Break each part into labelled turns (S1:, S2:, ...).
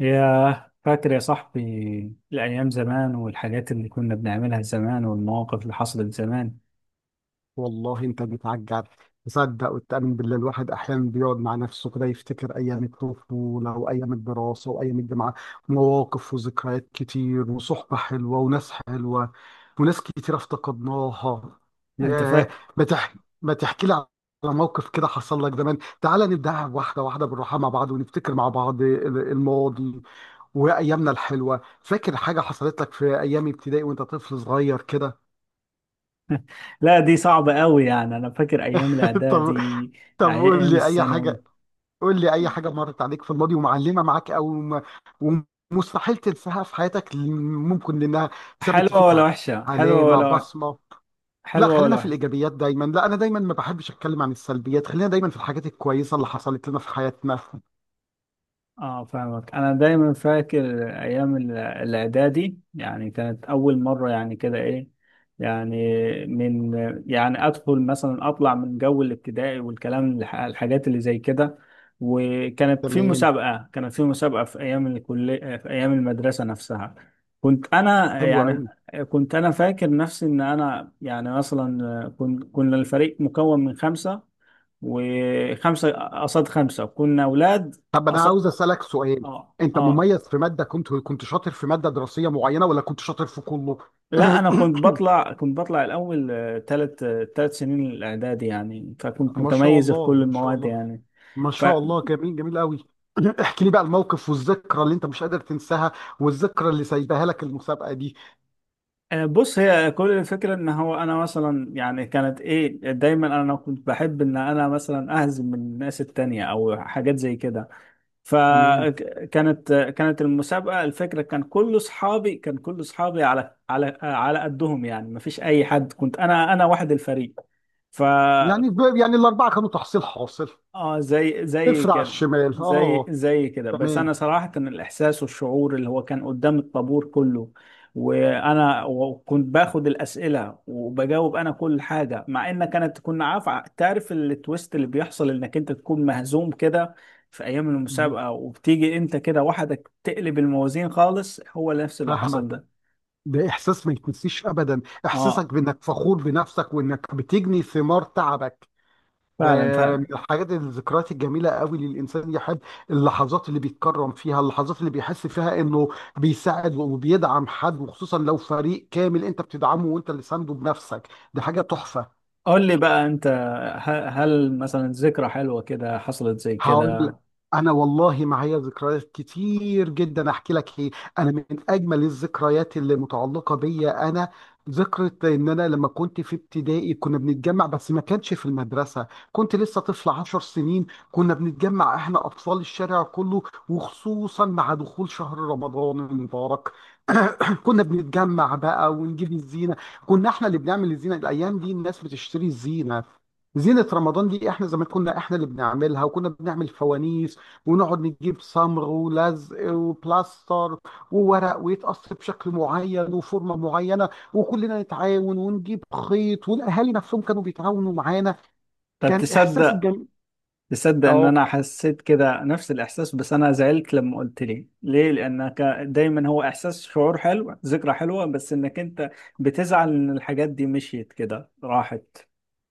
S1: يا فاكر يا صاحبي الأيام زمان، والحاجات اللي كنا بنعملها زمان، والمواقف اللي حصلت زمان.
S2: والله انت بتعجب. تصدق وتأمن بالله، الواحد احيانا بيقعد مع نفسه كده يفتكر ايام الطفوله وايام الدراسه وايام الجامعه. مواقف وذكريات كتير وصحبه حلوه وناس حلوه وناس كتير افتقدناها.
S1: أنت
S2: ياه.
S1: فاكر؟
S2: ما تح... ما تحكي لي على موقف كده حصل لك زمان. تعال نبدأها واحده واحده بالراحه مع بعض، ونفتكر مع بعض الماضي وايامنا الحلوه. فاكر حاجه حصلت لك في ايام ابتدائي وانت طفل صغير كده؟
S1: لا، دي صعبة قوي، يعني أنا فاكر أيام
S2: طب
S1: الإعدادي،
S2: طب قول
S1: أيام
S2: لي اي
S1: الثانوي.
S2: حاجه. قول لي اي حاجه مرت عليك في الماضي ومعلمه معاك ومستحيل تنساها في حياتك، ممكن لانها سابت
S1: حلوة
S2: فيك
S1: ولا وحشة؟
S2: علامه، بصمه. لا،
S1: حلوة
S2: خلينا
S1: ولا
S2: في
S1: وحشة؟
S2: الايجابيات دايما. لا، انا دايما ما بحبش اتكلم عن السلبيات. خلينا دايما في الحاجات الكويسه اللي حصلت لنا في حياتنا.
S1: اه، فاهمك. انا دايما فاكر ايام الاعدادي، يعني كانت اول مره، يعني كده ايه، يعني من، يعني ادخل مثلا اطلع من جو الابتدائي والكلام الحاجات اللي زي كده. وكانت في
S2: تمام.
S1: مسابقه، في ايام الكليه، في ايام المدرسه نفسها. كنت انا
S2: حلو
S1: يعني
S2: قوي.
S1: كنت انا فاكر نفسي ان انا، يعني مثلا، كنا الفريق مكون من خمسه، وخمسه قصاد خمسه، كنا اولاد.
S2: طب انا عاوز اسالك سؤال.
S1: اه،
S2: انت
S1: اه.
S2: مميز في ماده، كنت شاطر في ماده دراسيه معينه، ولا كنت شاطر في كله؟
S1: لا، انا كنت بطلع الاول ثلاث ثلاث سنين الاعدادي، يعني فكنت
S2: ما شاء
S1: متميز في
S2: الله،
S1: كل
S2: ما شاء
S1: المواد
S2: الله،
S1: يعني.
S2: ما شاء الله. جميل، جميل قوي. احكي لي بقى الموقف والذكرى اللي انت مش قادر تنساها، والذكرى اللي سايباها لك المسابقة دي.
S1: فبص، هي كل الفكره، ان هو انا مثلا، يعني كانت ايه، دايما انا كنت بحب ان انا مثلا اهزم من الناس التانية او حاجات زي كده.
S2: تمام.
S1: كانت المسابقه، الفكره، كان كل اصحابي على قدهم، يعني مفيش اي حد، كنت انا، واحد الفريق. ف
S2: يعني الأربعة كانوا تحصيل حاصل.
S1: اه، زي
S2: صفر على
S1: كده.
S2: الشمال، اه.
S1: زي كده. بس انا
S2: تمام.
S1: صراحه كان الاحساس والشعور، اللي هو كان قدام الطابور كله، وانا وكنت باخد الاسئله، وبجاوب انا كل حاجه، مع ان كانت كنا عارف. تعرف التويست اللي بيحصل، انك انت تكون مهزوم كده في ايام
S2: مم.
S1: المسابقه، وبتيجي انت كده وحدك تقلب الموازين خالص. هو نفس اللي حصل
S2: فاهمك.
S1: ده.
S2: ده إحساس ما يتنسيش أبدا.
S1: اه،
S2: إحساسك بإنك فخور بنفسك وإنك بتجني ثمار تعبك. ده
S1: فعلا،
S2: من
S1: فعلا.
S2: الحاجات، الذكريات الجميلة قوي اللي الإنسان يحب. اللحظات اللي بيتكرم فيها، اللحظات اللي بيحس فيها إنه بيساعد وبيدعم حد، وخصوصا لو فريق كامل أنت بتدعمه وأنت اللي سانده بنفسك. دي حاجة تحفة.
S1: قول لي بقى انت، هل مثلا ذكرى حلوه كده حصلت زي
S2: هقول لك.
S1: كده؟
S2: انا والله معايا ذكريات كتير جدا. احكي لك ايه؟ انا من اجمل الذكريات اللي متعلقه بيا انا ذكرى ان انا لما كنت في ابتدائي كنا بنتجمع، بس ما كانش في المدرسه، كنت لسه طفل 10 سنين. كنا بنتجمع احنا اطفال الشارع كله، وخصوصا مع دخول شهر رمضان المبارك. كنا بنتجمع بقى ونجيب الزينه. كنا احنا اللي بنعمل الزينه. الايام دي الناس بتشتري الزينه، زينة رمضان دي احنا زمان كنا احنا اللي بنعملها. وكنا بنعمل فوانيس، ونقعد نجيب صمغ ولزق وبلاستر وورق ويتقص بشكل معين وفورمة معينة، وكلنا نتعاون ونجيب خيط، والاهالي نفسهم كانوا بيتعاونوا معانا.
S1: طب
S2: كان احساس
S1: تصدق ان
S2: جميل.
S1: انا حسيت كده نفس الاحساس، بس انا زعلت لما قلت لي ليه، لانك دايما هو احساس، شعور حلو، ذكرى حلوة، بس انك انت بتزعل ان الحاجات دي مشيت كده راحت.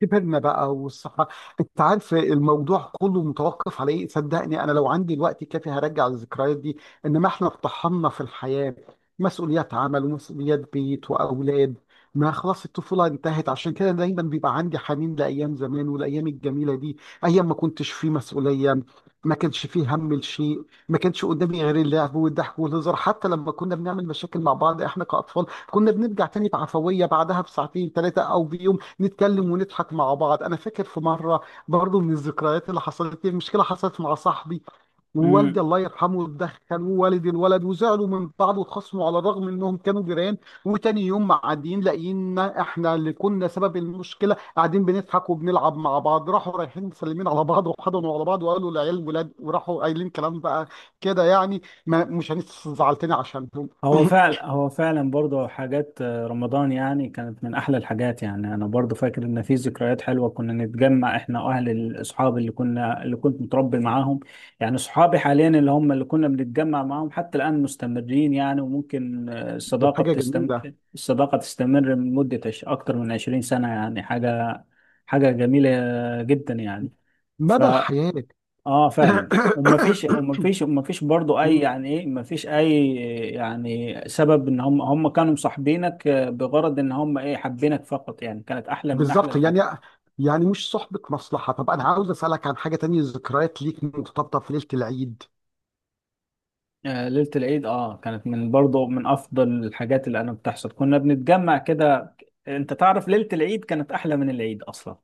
S2: كبرنا بقى والصحة. انت عارف الموضوع كله متوقف على ايه؟ صدقني انا لو عندي الوقت الكافي هرجع الذكريات دي. انما احنا اتطحنا في الحياة، مسؤوليات عمل ومسؤوليات بيت واولاد. ما خلاص الطفولة انتهت. عشان كده دايما بيبقى عندي حنين لايام زمان والايام الجميلة دي، ايام ما كنتش فيه مسؤولية، ما كانش فيه هم لشيء، ما كانش قدامي غير اللعب والضحك والهزار. حتى لما كنا بنعمل مشاكل مع بعض احنا كأطفال كنا بنرجع تاني بعفوية بعدها بساعتين، ثلاثة، او بيوم، نتكلم ونضحك مع بعض. انا فاكر في مره، برضو من الذكريات اللي حصلت لي، مشكله حصلت مع صاحبي ووالدي
S1: امم.
S2: الله يرحمه اتدخل ووالد الولد، وزعلوا من بعض واتخاصموا على الرغم انهم كانوا جيران. وتاني يوم معديين لقينا احنا اللي كنا سبب المشكله قاعدين بنضحك وبنلعب مع بعض. راحوا رايحين مسلمين على بعض وحضنوا على بعض وقالوا العيال ولاد، وراحوا قايلين كلام بقى كده، يعني ما مش هنزعل تاني عشانهم.
S1: هو فعلا، هو فعلا برضه حاجات، رمضان، يعني كانت من احلى الحاجات. يعني انا برضه فاكر ان في ذكريات حلوه، كنا نتجمع احنا اهل الاصحاب، اللي كنت متربي معاهم، يعني اصحابي حاليا، اللي هم اللي كنا بنتجمع معاهم حتى الان مستمرين. يعني وممكن،
S2: دي
S1: الصداقه
S2: حاجه جميله.
S1: الصداقه تستمر من مده اكتر من 20 سنه، يعني حاجه، جميله جدا يعني. ف
S2: مدى الحياه.
S1: اه، فعلا. ومفيش، برضو اي، يعني ايه، مفيش اي، يعني سبب ان هم كانوا مصاحبينك، بغرض ان هم ايه، حابينك فقط، يعني كانت احلى من احلى
S2: بالظبط يعني.
S1: الحاجات.
S2: يعني مش صحبة مصلحة. طب أنا عاوز أسألك عن حاجة تانية، ذكريات ليك مرتبطة في ليلة العيد.
S1: آه، ليلة العيد. اه، كانت من برضو من افضل الحاجات اللي انا بتحصل، كنا بنتجمع كده. انت تعرف ليلة العيد كانت احلى من العيد اصلا،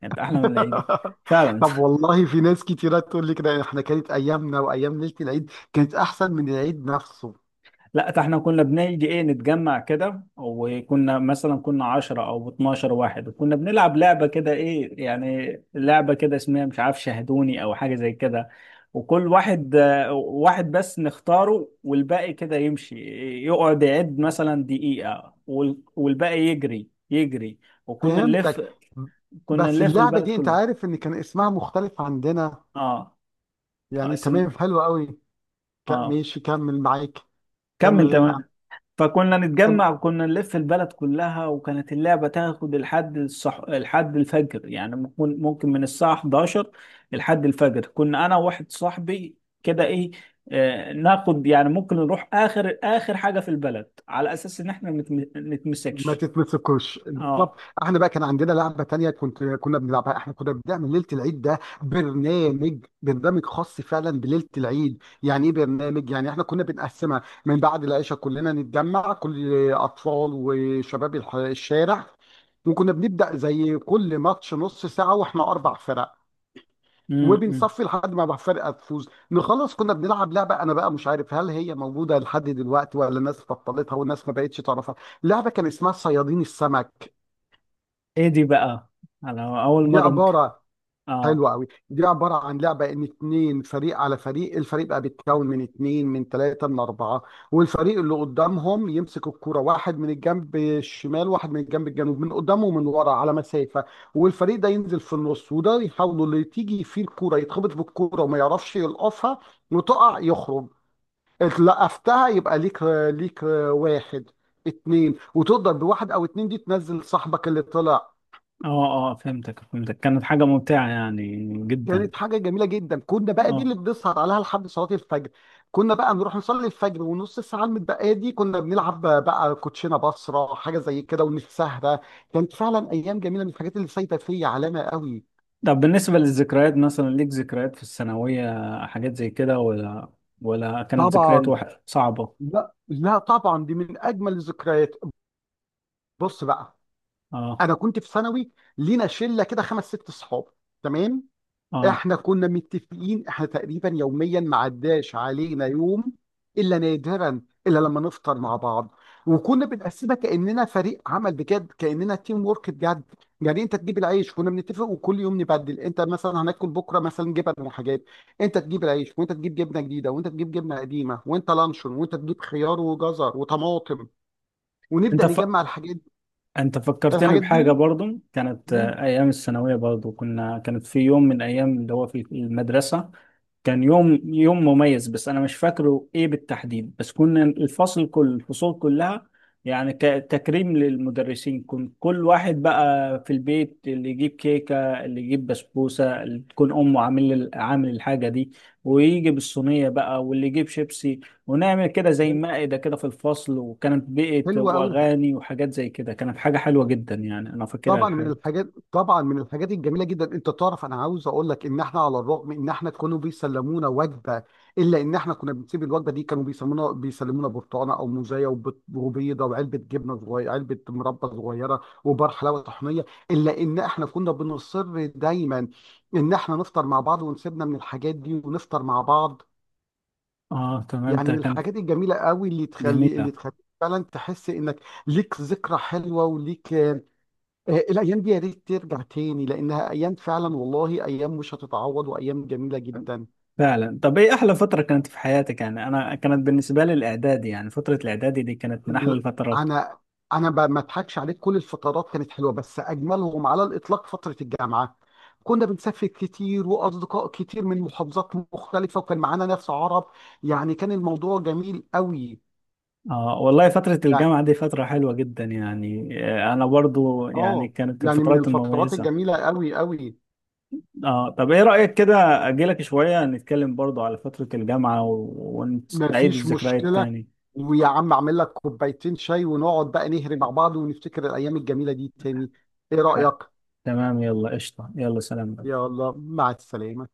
S1: كانت احلى من العيد. فعلا.
S2: طب والله في ناس كتيرة تقول لي كده، يعني إحنا كانت أيامنا وأيام ليلة العيد كانت أحسن من العيد نفسه.
S1: لا، ده احنا كنا بنيجي، ايه، نتجمع كده، وكنا مثلا 10 او 12 واحد، وكنا بنلعب لعبة كده، ايه يعني، لعبة كده اسمها مش عارف، شاهدوني او حاجة زي كده. وكل واحد، واحد بس نختاره، والباقي كده يمشي. يقعد يعد
S2: آه.
S1: مثلا دقيقة، والباقي يجري، يجري. وكنا نلف
S2: فهمتك.
S1: كنا
S2: بس
S1: نلف
S2: اللعبة
S1: البلد
S2: دي أنت
S1: كلها.
S2: عارف إن كان اسمها مختلف عندنا.
S1: اه.
S2: يعني
S1: اسم.
S2: تمام، حلو قوي.
S1: اه،
S2: ماشي، كمل معاك.
S1: كمل
S2: كمل.
S1: تمام. فكنا نتجمع، وكنا نلف البلد كلها، وكانت اللعبة تاخد لحد لحد الفجر، يعني ممكن، من الساعة 11 لحد الفجر. كنا أنا وواحد صاحبي كده، إيه، آه، ناخد يعني ممكن نروح آخر، آخر حاجة في البلد، على أساس إن إحنا
S2: ما
S1: نتمسكش.
S2: تتمسكوش بالظبط.
S1: أه.
S2: احنا بقى كان عندنا لعبه تانية كنا بنلعبها. احنا كنا بنعمل ليله العيد ده برنامج خاص فعلا بليله العيد. يعني ايه برنامج؟ يعني احنا كنا بنقسمها من بعد العشاء كلنا نتجمع، كل اطفال وشباب الشارع. وكنا بنبدا زي كل ماتش نص ساعه واحنا اربع فرق،
S1: امم، إمم.
S2: وبنصفي لحد ما بقى فرقه تفوز نخلص. كنا بنلعب لعبه، انا بقى مش عارف هل هي موجوده لحد دلوقتي، ولا الناس بطلتها والناس ما بقتش تعرفها. لعبه كان اسمها صيادين السمك.
S1: إيه دي بقى؟ على أول
S2: دي
S1: مرة ممكن.
S2: عباره
S1: أه.
S2: حلو قوي. دي عباره عن لعبه ان اتنين فريق على فريق. الفريق بقى بيتكون من اتنين، من تلاته، من اربعه. والفريق اللي قدامهم يمسك الكوره، واحد من الجنب الشمال واحد من الجنب الجنوب، من قدامه ومن ورا على مسافه. والفريق ده ينزل في النص، وده يحاولوا اللي تيجي فيه الكوره يتخبط بالكوره وما يعرفش يلقفها وتقع يخرج. اتلقفتها يبقى ليك. ليك واحد، اتنين، وتقدر بواحد او اتنين دي تنزل صاحبك اللي طلع.
S1: أه، أه. فهمتك، فهمتك، كانت حاجة ممتعة يعني جدا.
S2: كانت حاجة جميلة جدا. كنا بقى دي
S1: أه.
S2: اللي بنسهر عليها لحد صلاة الفجر. كنا بقى نروح نصلي الفجر، ونص الساعة المتبقية دي كنا بنلعب بقى كوتشينة، بصرة، حاجة زي كده، ونتسهرة. كانت فعلا أيام جميلة، من الحاجات اللي سايبة فيا علامة قوي.
S1: طب بالنسبة للذكريات، مثلا ليك ذكريات في الثانوية، حاجات زي كده، ولا ولا كانت ذكريات
S2: طبعا.
S1: صعبة؟
S2: لا لا طبعا دي من أجمل الذكريات. بص بقى.
S1: اه،
S2: أنا كنت في ثانوي، لينا شلة كده خمس ست صحاب. تمام.
S1: اه.
S2: احنا كنا متفقين احنا تقريبا يوميا ما عداش علينا يوم الا نادرا، الا لما نفطر مع بعض. وكنا بنقسمها كاننا فريق عمل بجد، كاننا تيم وورك بجد. يعني انت تجيب العيش، كنا بنتفق وكل يوم نبدل، انت مثلا هناكل بكره مثلا جبن وحاجات. انت تجيب العيش، وانت تجيب جبنه جديده، وانت تجيب جبنه قديمه، وانت لانشون، وانت تجيب خيار وجزر وطماطم،
S1: انت
S2: ونبدا
S1: ف...
S2: نجمع الحاجات.
S1: انت فكرتني
S2: الحاجات
S1: بحاجة
S2: دي
S1: برضو. كانت،
S2: مم،
S1: ايام الثانوية برضو، كنا، كانت في يوم من ايام، اللي هو في المدرسة. كان يوم، مميز، بس انا مش فاكره ايه بالتحديد. بس كنا الفصل، كل الفصول كلها، يعني كتكريم للمدرسين، كنت كل واحد بقى في البيت، اللي يجيب كيكة، اللي يجيب بسبوسة، اللي تكون امه عامل، الحاجة دي، ويجي بالصينية بقى، واللي يجيب شيبسي. ونعمل كده زي مائدة كده في الفصل، وكانت بيئة
S2: حلوه قوي.
S1: واغاني وحاجات زي كده، كانت حاجة حلوة جدا يعني، انا فاكرها الحاجة.
S2: طبعا من الحاجات الجميله جدا، انت تعرف انا عاوز اقول لك ان احنا على الرغم ان احنا كانوا بيسلمونا وجبه، الا ان احنا كنا بنسيب الوجبه دي. كانوا بيسلمونا برتقانه او موزايه وبيضه وعلبه جبنه صغيره، علبه مربى صغيره، وبار حلاوه طحينيه. الا ان احنا كنا بنصر دايما ان احنا نفطر مع بعض ونسيبنا من الحاجات دي ونفطر مع بعض.
S1: اه، تمام.
S2: يعني
S1: ده
S2: من
S1: كانت
S2: الحاجات الجميله قوي اللي تخلي،
S1: جميلة
S2: فعلا تحس انك ليك ذكرى حلوه وليك. الأيام دي يا ريت ترجع تاني لأنها أيام، فعلا والله أيام مش هتتعوض، وأيام جميلة جدا.
S1: فعلا. طب ايه احلى فترة كانت في حياتك؟ يعني انا كانت بالنسبة لي الاعدادي، يعني فترة الاعدادي دي كانت من احلى
S2: ال-
S1: الفترات.
S2: أنا ما أضحكش عليك، كل الفترات كانت حلوة بس أجملهم على الإطلاق فترة الجامعة. كنا بنسافر كتير وأصدقاء كتير من محافظات مختلفة وكان معانا ناس عرب. يعني كان الموضوع جميل قوي.
S1: اه، والله فترة
S2: يعني
S1: الجامعة دي فترة حلوة جدا يعني، انا برضو يعني
S2: آه
S1: كانت
S2: يعني من
S1: الفترات
S2: الفترات
S1: المميزة.
S2: الجميلة قوي قوي.
S1: اه. طب ايه رأيك كده؟ اجيلك شوية نتكلم برضو على فترة الجامعة، ونعيد
S2: مفيش
S1: الذكريات
S2: مشكلة.
S1: تاني.
S2: ويا عم اعمل لك كوبايتين شاي ونقعد بقى نهري مع بعض ونفتكر الأيام الجميلة دي تاني. إيه
S1: ح-
S2: رأيك؟
S1: تمام، يلا قشطة، يلا سلام.
S2: يلا مع السلامة.